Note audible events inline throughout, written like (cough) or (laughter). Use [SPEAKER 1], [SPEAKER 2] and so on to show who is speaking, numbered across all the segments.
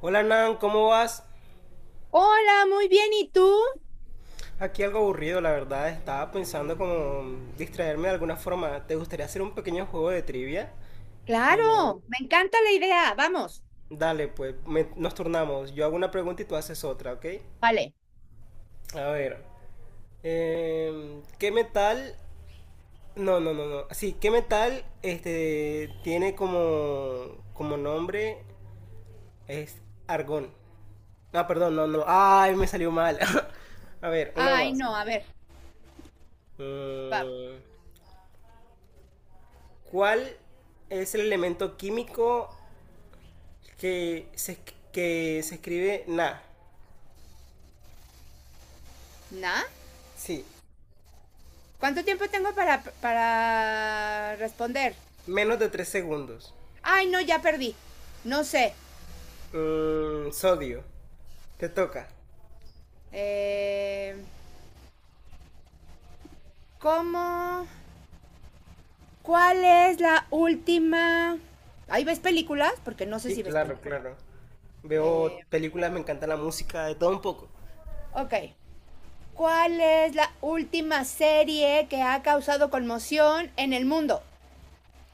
[SPEAKER 1] Hola Nan, ¿cómo vas?
[SPEAKER 2] Hola, muy bien, ¿y tú?
[SPEAKER 1] Aquí algo aburrido, la verdad. Estaba pensando como distraerme de alguna forma. ¿Te gustaría hacer un pequeño juego de trivia? Eh,
[SPEAKER 2] Claro, me encanta la idea, vamos.
[SPEAKER 1] dale, pues nos turnamos. Yo hago una pregunta y tú haces otra, ¿ok?
[SPEAKER 2] Vale.
[SPEAKER 1] A ver. ¿Qué metal? No, no, no, no. Sí, ¿qué metal este tiene como nombre es argón? Ah, perdón, no, no. Ay, me salió mal. (laughs) A ver, una
[SPEAKER 2] Ay,
[SPEAKER 1] más.
[SPEAKER 2] no, a ver, va-
[SPEAKER 1] Mm, ¿Cuál es el elemento químico que se, que se escribe Na?
[SPEAKER 2] ¿na?
[SPEAKER 1] Sí,
[SPEAKER 2] ¿Cuánto tiempo tengo para responder?
[SPEAKER 1] menos de 3 segundos.
[SPEAKER 2] Ay, no, ya perdí. No sé.
[SPEAKER 1] Sodio, te toca.
[SPEAKER 2] Eh, ¿cómo? ¿Cuál es la última? ¿Ahí ves películas? Porque no sé
[SPEAKER 1] Sí,
[SPEAKER 2] si ves
[SPEAKER 1] claro,
[SPEAKER 2] películas.
[SPEAKER 1] claro.
[SPEAKER 2] Eh,
[SPEAKER 1] Veo películas, me encanta la música, de todo un poco.
[SPEAKER 2] ok. ¿Cuál es la última serie que ha causado conmoción en el mundo?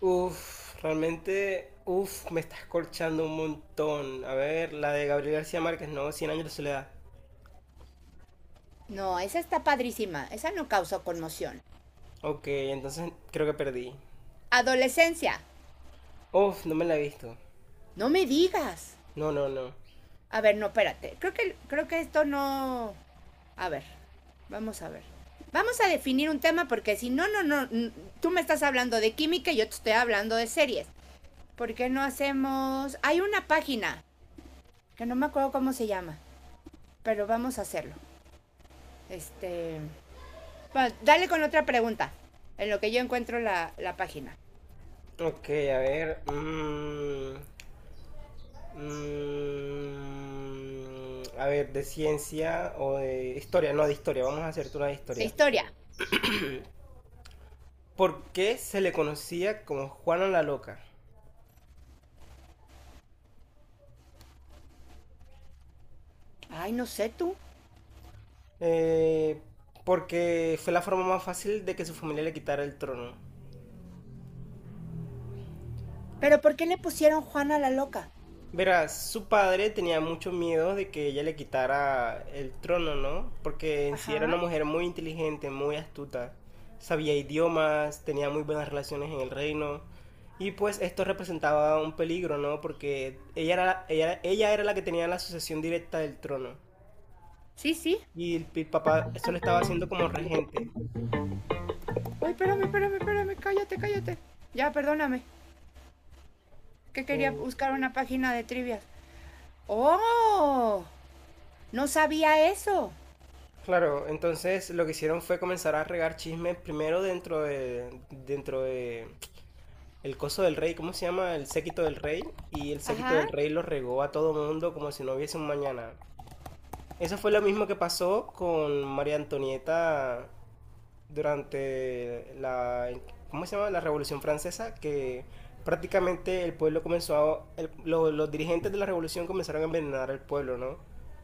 [SPEAKER 1] Uf, realmente, uf, me estás corchando un montón. A ver, la de Gabriel García Márquez, no, Cien años de soledad.
[SPEAKER 2] No, esa está padrísima. Esa no causó conmoción.
[SPEAKER 1] Ok, entonces creo que perdí.
[SPEAKER 2] Adolescencia.
[SPEAKER 1] Uf, no me la he visto.
[SPEAKER 2] No me digas.
[SPEAKER 1] No, no, no.
[SPEAKER 2] A ver, no, espérate. Creo que esto no. A ver, vamos a ver. Vamos a definir un tema porque si no, no, no, tú me estás hablando de química y yo te estoy hablando de series. ¿Por qué no hacemos? Hay una página que no me acuerdo cómo se llama, pero vamos a hacerlo. Este... bueno, dale con otra pregunta, en lo que yo encuentro la página.
[SPEAKER 1] Ok, a ver. A ver, de ciencia o de historia, no de historia, vamos a hacerte una de
[SPEAKER 2] La
[SPEAKER 1] historia.
[SPEAKER 2] historia.
[SPEAKER 1] ¿Por qué se le conocía como Juana la Loca?
[SPEAKER 2] Ay, no sé tú.
[SPEAKER 1] Eh, Porque fue la forma más fácil de que su familia le quitara el trono.
[SPEAKER 2] ¿Pero por qué le pusieron Juana la Loca?
[SPEAKER 1] Verás, su padre tenía mucho miedo de que ella le quitara el trono, ¿no? Porque en sí era una
[SPEAKER 2] Ajá.
[SPEAKER 1] mujer muy inteligente, muy astuta, sabía idiomas, tenía muy buenas relaciones en el reino. Y pues esto representaba un peligro, ¿no? Porque ella era la que tenía la sucesión directa del trono.
[SPEAKER 2] Sí, sí.
[SPEAKER 1] Y el papá solo estaba haciendo como regente.
[SPEAKER 2] Uy, espérame, espérame, espérame, cállate, cállate. Ya, perdóname, que quería
[SPEAKER 1] Eh,
[SPEAKER 2] buscar una página de trivias. ¡Oh! No sabía eso.
[SPEAKER 1] claro, entonces lo que hicieron fue comenzar a regar chismes primero dentro de, el coso del rey, ¿cómo se llama? El séquito del rey. Y el séquito
[SPEAKER 2] Ajá.
[SPEAKER 1] del rey lo regó a todo mundo como si no hubiese un mañana. Eso fue lo mismo que pasó con María Antonieta durante la, ¿cómo se llama? La Revolución Francesa, que prácticamente el pueblo comenzó a, los dirigentes de la revolución comenzaron a envenenar al pueblo, ¿no?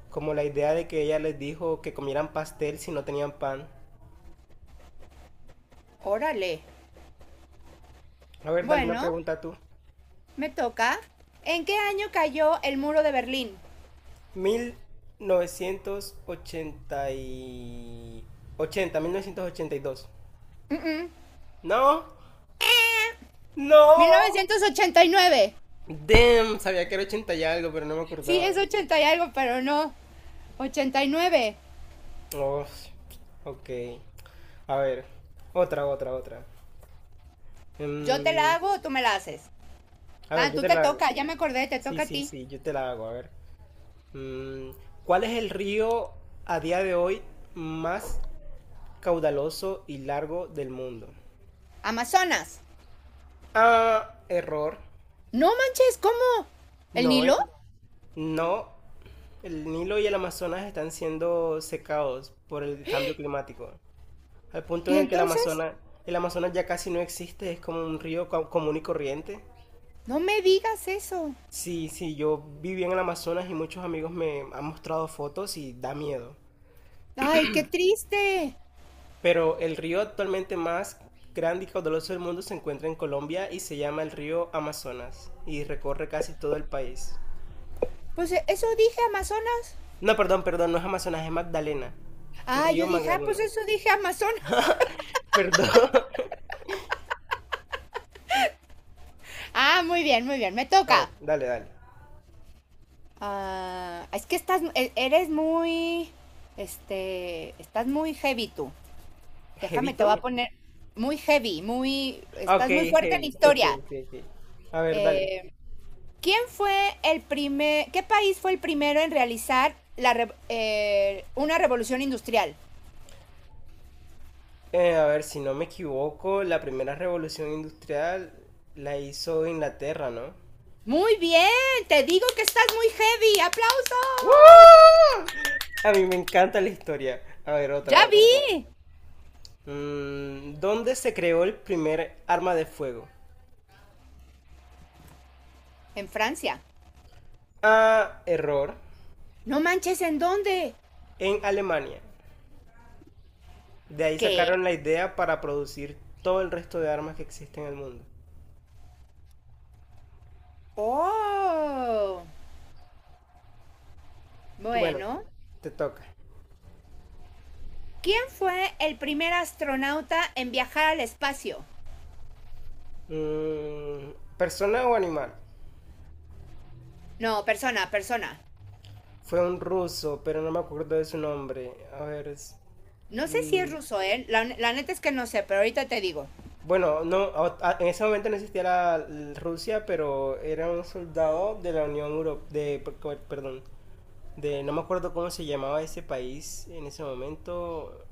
[SPEAKER 1] Como la idea de que ella les dijo que comieran pastel si no tenían pan.
[SPEAKER 2] Órale.
[SPEAKER 1] A ver, dale una
[SPEAKER 2] Bueno,
[SPEAKER 1] pregunta tú.
[SPEAKER 2] me toca. ¿En qué año cayó el Muro de Berlín?
[SPEAKER 1] Mil novecientos ochenta y... 80, 1982.
[SPEAKER 2] Mm, mm,
[SPEAKER 1] No, no.
[SPEAKER 2] 1989.
[SPEAKER 1] Damn, sabía que era ochenta y algo, pero no me
[SPEAKER 2] Sí, es
[SPEAKER 1] acordaba.
[SPEAKER 2] 80 y algo, pero no. 89.
[SPEAKER 1] Oh, ok. A ver, otra, otra, otra.
[SPEAKER 2] ¿Yo te la
[SPEAKER 1] Mm,
[SPEAKER 2] hago o tú me la haces?
[SPEAKER 1] a
[SPEAKER 2] Ah,
[SPEAKER 1] ver, yo
[SPEAKER 2] tú
[SPEAKER 1] te
[SPEAKER 2] te
[SPEAKER 1] la hago.
[SPEAKER 2] toca, ya me acordé, te
[SPEAKER 1] Sí,
[SPEAKER 2] toca a
[SPEAKER 1] sí,
[SPEAKER 2] ti.
[SPEAKER 1] sí, yo te la hago. A ver. Mm, ¿Cuál es el río a día de hoy más caudaloso y largo del mundo?
[SPEAKER 2] Amazonas.
[SPEAKER 1] Ah, error.
[SPEAKER 2] No manches, ¿cómo? ¿El
[SPEAKER 1] No,
[SPEAKER 2] Nilo?
[SPEAKER 1] eh. No, el Nilo y el Amazonas están siendo secados por el cambio climático, al punto
[SPEAKER 2] ¿Y
[SPEAKER 1] en el que el
[SPEAKER 2] entonces?
[SPEAKER 1] Amazonas, el Amazonas ya casi no existe, es como un río común y corriente.
[SPEAKER 2] No me digas eso.
[SPEAKER 1] Sí, sí, yo viví en el Amazonas y muchos amigos me han mostrado fotos y da miedo.
[SPEAKER 2] Ay, qué triste.
[SPEAKER 1] Pero el río actualmente más grande y caudaloso del mundo se encuentra en Colombia y se llama el río Amazonas y recorre casi todo el país.
[SPEAKER 2] Pues eso dije, Amazonas.
[SPEAKER 1] No, perdón, perdón, no es Amazonas, es Magdalena. El
[SPEAKER 2] Ah,
[SPEAKER 1] río
[SPEAKER 2] yo dije, ah, pues
[SPEAKER 1] Magdalena.
[SPEAKER 2] eso dije, Amazonas.
[SPEAKER 1] (laughs) Perdón.
[SPEAKER 2] Ah, muy bien, me
[SPEAKER 1] A ver,
[SPEAKER 2] toca.
[SPEAKER 1] dale, dale.
[SPEAKER 2] Ah, es que estás, eres muy, estás muy heavy tú. Déjame, te voy a
[SPEAKER 1] ¿Jevito?
[SPEAKER 2] poner muy heavy, muy,
[SPEAKER 1] Ah, ok,
[SPEAKER 2] estás muy fuerte en
[SPEAKER 1] heavy. Ok,
[SPEAKER 2] historia.
[SPEAKER 1] ok, ok. A ver, dale.
[SPEAKER 2] Eh, ¿Quién fue el primer, qué país fue el primero en realizar una revolución industrial?
[SPEAKER 1] A ver, si no me equivoco, la primera revolución industrial la hizo Inglaterra, ¿no?
[SPEAKER 2] Muy bien, te digo que estás muy heavy,
[SPEAKER 1] ¡Woo!
[SPEAKER 2] aplausos.
[SPEAKER 1] A mí me encanta la historia. A ver, otra,
[SPEAKER 2] Ya vi.
[SPEAKER 1] otra. ¿Dónde se creó el primer arma de fuego?
[SPEAKER 2] En Francia.
[SPEAKER 1] Ah, error.
[SPEAKER 2] No manches, ¿en dónde?
[SPEAKER 1] En Alemania. De ahí
[SPEAKER 2] ¿Qué?
[SPEAKER 1] sacaron la idea para producir todo el resto de armas que existen en el mundo.
[SPEAKER 2] Oh.
[SPEAKER 1] Bueno,
[SPEAKER 2] Bueno.
[SPEAKER 1] te toca.
[SPEAKER 2] ¿Quién fue el primer astronauta en viajar al espacio?
[SPEAKER 1] Mm, ¿Persona o animal?
[SPEAKER 2] No, persona, persona.
[SPEAKER 1] Fue un ruso, pero no me acuerdo de su nombre. A ver,
[SPEAKER 2] No sé si
[SPEAKER 1] mm,
[SPEAKER 2] es ruso, ¿eh? La neta es que no sé, pero ahorita te digo.
[SPEAKER 1] bueno, no, en ese momento no existía Rusia, pero era un soldado de la Unión Europea, de, perdón, de, no me acuerdo cómo se llamaba ese país en ese momento.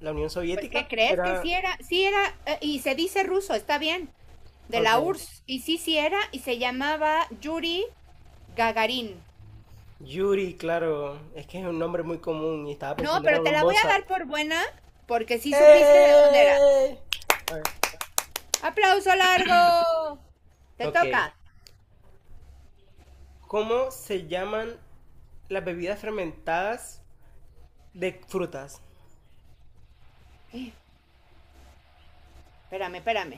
[SPEAKER 1] La Unión
[SPEAKER 2] Pues, ¿qué
[SPEAKER 1] Soviética
[SPEAKER 2] crees? Que
[SPEAKER 1] era,
[SPEAKER 2] sí era, y se dice ruso, está bien, de
[SPEAKER 1] ok,
[SPEAKER 2] la URSS. Y sí, sí era, y se llamaba Yuri Gagarin.
[SPEAKER 1] Yuri, claro, es que es un nombre muy común y estaba
[SPEAKER 2] No,
[SPEAKER 1] pensando era
[SPEAKER 2] pero te
[SPEAKER 1] un
[SPEAKER 2] la voy a
[SPEAKER 1] bosa.
[SPEAKER 2] dar por buena, porque sí supiste de dónde era.
[SPEAKER 1] ¡Eh! A ver,
[SPEAKER 2] ¡Aplauso largo! Te
[SPEAKER 1] ok.
[SPEAKER 2] toca.
[SPEAKER 1] ¿Cómo se llaman las bebidas fermentadas? De frutas.
[SPEAKER 2] Eh, Espérame, espérame.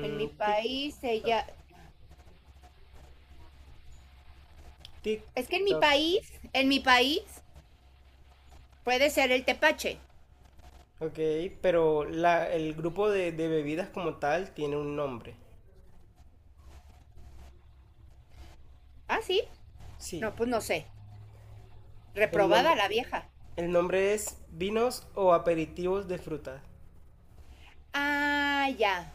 [SPEAKER 2] En mi
[SPEAKER 1] tic,
[SPEAKER 2] país
[SPEAKER 1] toc,
[SPEAKER 2] ella.
[SPEAKER 1] tic,
[SPEAKER 2] Es que en mi
[SPEAKER 1] toc.
[SPEAKER 2] país, en mi país, puede ser el tepache.
[SPEAKER 1] Ok, pero la, el grupo de bebidas como tal tiene un nombre.
[SPEAKER 2] ¿Ah, sí?
[SPEAKER 1] Sí,
[SPEAKER 2] No, pues no sé.
[SPEAKER 1] el
[SPEAKER 2] Reprobada
[SPEAKER 1] nombre,
[SPEAKER 2] la vieja.
[SPEAKER 1] el nombre es vinos o aperitivos de frutas.
[SPEAKER 2] Ah, ya.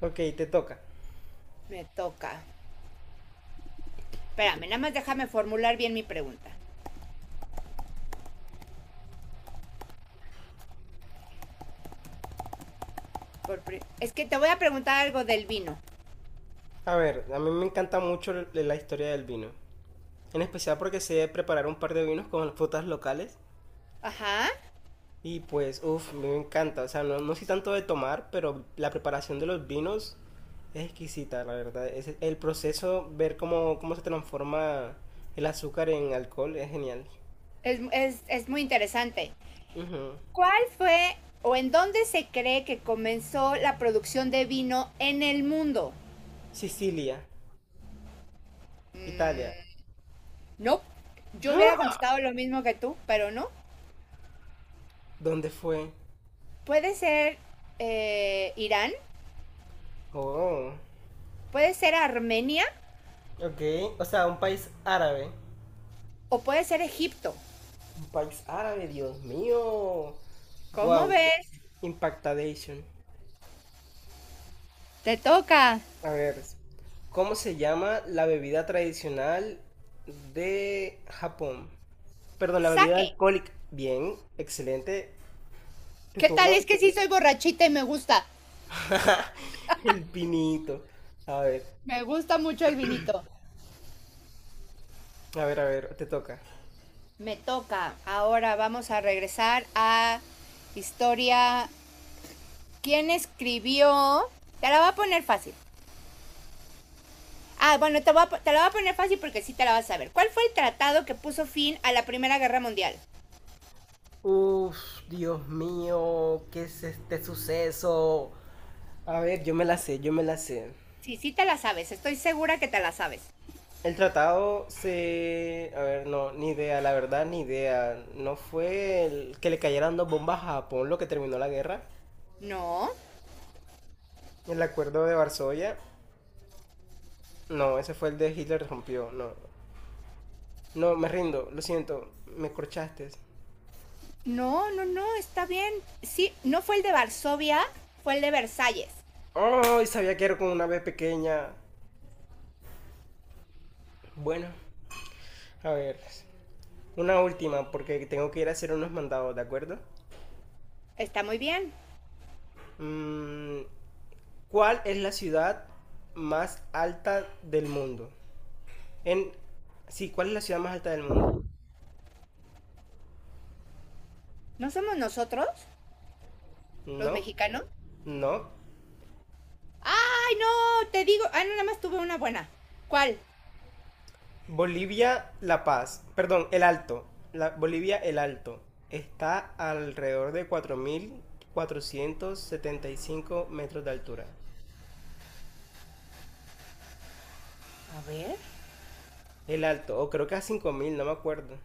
[SPEAKER 1] Ok, te toca.
[SPEAKER 2] Me toca. Espérame, nada más déjame formular bien mi pregunta. Es que te voy a preguntar algo del vino.
[SPEAKER 1] A ver, a mí me encanta mucho la historia del vino. En especial porque sé preparar un par de vinos con frutas locales.
[SPEAKER 2] Ajá.
[SPEAKER 1] Y pues, uff, me encanta. O sea, no, no soy tanto de tomar, pero la preparación de los vinos es exquisita, la verdad. Es el proceso, ver cómo se transforma el azúcar en alcohol, es genial.
[SPEAKER 2] Es muy interesante.
[SPEAKER 1] Ujú.
[SPEAKER 2] ¿Cuál fue o en dónde se cree que comenzó la producción de vino en el mundo?
[SPEAKER 1] Sicilia, Italia.
[SPEAKER 2] No. Yo hubiera contestado lo mismo que tú, pero no.
[SPEAKER 1] ¿Dónde fue?
[SPEAKER 2] Puede ser Irán,
[SPEAKER 1] Oh,
[SPEAKER 2] puede ser Armenia
[SPEAKER 1] ok. O sea, un país árabe.
[SPEAKER 2] o puede ser Egipto.
[SPEAKER 1] Un país árabe, Dios mío.
[SPEAKER 2] ¿Cómo
[SPEAKER 1] Wow,
[SPEAKER 2] ves?
[SPEAKER 1] impactadation.
[SPEAKER 2] Te toca.
[SPEAKER 1] A ver, ¿cómo se llama la bebida tradicional de Japón? Perdón, la bebida
[SPEAKER 2] Saque.
[SPEAKER 1] alcohólica. Bien, excelente. Tu
[SPEAKER 2] ¿Qué tal?
[SPEAKER 1] turno.
[SPEAKER 2] Es que sí soy borrachita y me gusta.
[SPEAKER 1] (laughs) El pinito. A ver,
[SPEAKER 2] Me gusta mucho el vinito.
[SPEAKER 1] a ver, a ver, te toca.
[SPEAKER 2] Me toca. Ahora vamos a regresar a historia. ¿Quién escribió? Te la voy a poner fácil. Ah, bueno, te la voy a poner fácil porque sí te la vas a saber. ¿Cuál fue el tratado que puso fin a la Primera Guerra Mundial?
[SPEAKER 1] Uf, Dios mío, ¿qué es este suceso? A ver, yo me la sé, yo me la sé.
[SPEAKER 2] Sí, sí te la sabes. Estoy segura que te la sabes.
[SPEAKER 1] El tratado se... A ver, no, ni idea, la verdad, ni idea. ¿No fue el que le cayeran dos bombas a Japón lo que terminó la guerra?
[SPEAKER 2] No,
[SPEAKER 1] El acuerdo de Varsovia. No, ese fue el de Hitler rompió. No. No, me rindo. Lo siento. Me corchaste.
[SPEAKER 2] no, no, no, está bien. Sí, no fue el de Varsovia, fue el de Versalles.
[SPEAKER 1] ¡Oh! Y sabía que era con una B pequeña. Bueno. A ver. Una última, porque tengo que ir a hacer unos mandados, ¿de acuerdo?
[SPEAKER 2] Está muy bien.
[SPEAKER 1] Mm, ¿Cuál es la ciudad más alta del mundo? En... Sí, ¿cuál es la ciudad más alta del mundo?
[SPEAKER 2] ¿No somos nosotros,
[SPEAKER 1] No.
[SPEAKER 2] los mexicanos?
[SPEAKER 1] No.
[SPEAKER 2] ¡Ay, no! Te digo. Ah, no, nada más tuve una buena. ¿Cuál?
[SPEAKER 1] Bolivia, La Paz, perdón, El Alto, la, Bolivia, El Alto, está alrededor de 4475 metros de altura.
[SPEAKER 2] A ver.
[SPEAKER 1] El Alto, o creo que a 5000, no me acuerdo.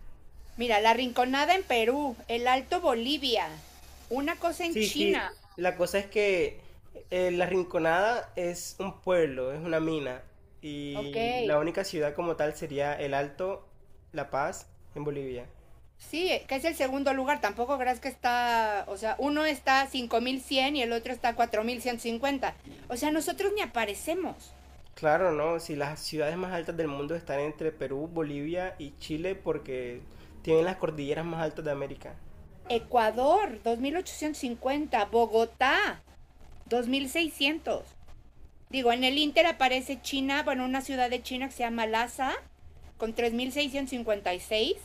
[SPEAKER 2] Mira, La Rinconada en Perú, El Alto Bolivia, una cosa en
[SPEAKER 1] Sí, sí,
[SPEAKER 2] China.
[SPEAKER 1] la cosa es que La Rinconada es un pueblo, es una mina,
[SPEAKER 2] Ok.
[SPEAKER 1] y la única ciudad como tal sería El Alto, La Paz, en Bolivia.
[SPEAKER 2] Sí, que es el segundo lugar. Tampoco creas que está, o sea, uno está 5.100 y el otro está 4.150. O sea, nosotros ni aparecemos.
[SPEAKER 1] Claro, ¿no? Si las ciudades más altas del mundo están entre Perú, Bolivia y Chile porque tienen las cordilleras más altas de América.
[SPEAKER 2] Ecuador, 2.850. Bogotá, 2.600. Digo, en el Inter aparece China, bueno, una ciudad de China que se llama Lhasa, con 3.656.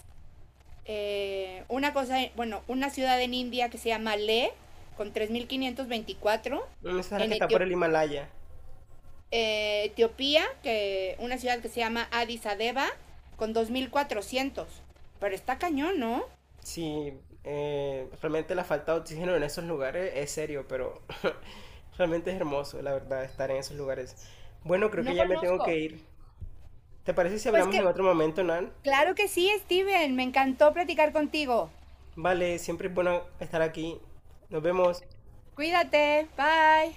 [SPEAKER 2] Bueno, una ciudad en India que se llama Leh, con 3.524.
[SPEAKER 1] Mm, esa es la
[SPEAKER 2] En
[SPEAKER 1] que está por
[SPEAKER 2] Etiop-
[SPEAKER 1] el Himalaya.
[SPEAKER 2] eh, Etiopía, que una ciudad que se llama Addis Abeba, con 2.400. Pero está cañón, ¿no?
[SPEAKER 1] Sí, realmente la falta de oxígeno en esos lugares es serio, pero (laughs) realmente es hermoso, la verdad, estar en esos lugares. Bueno, creo que
[SPEAKER 2] No
[SPEAKER 1] ya me tengo que
[SPEAKER 2] conozco.
[SPEAKER 1] ir. ¿Te parece si
[SPEAKER 2] Pues
[SPEAKER 1] hablamos en
[SPEAKER 2] que,
[SPEAKER 1] otro momento, Nan?
[SPEAKER 2] claro que sí, Steven, me encantó platicar contigo.
[SPEAKER 1] Vale, siempre es bueno estar aquí. Nos vemos.
[SPEAKER 2] Cuídate, bye.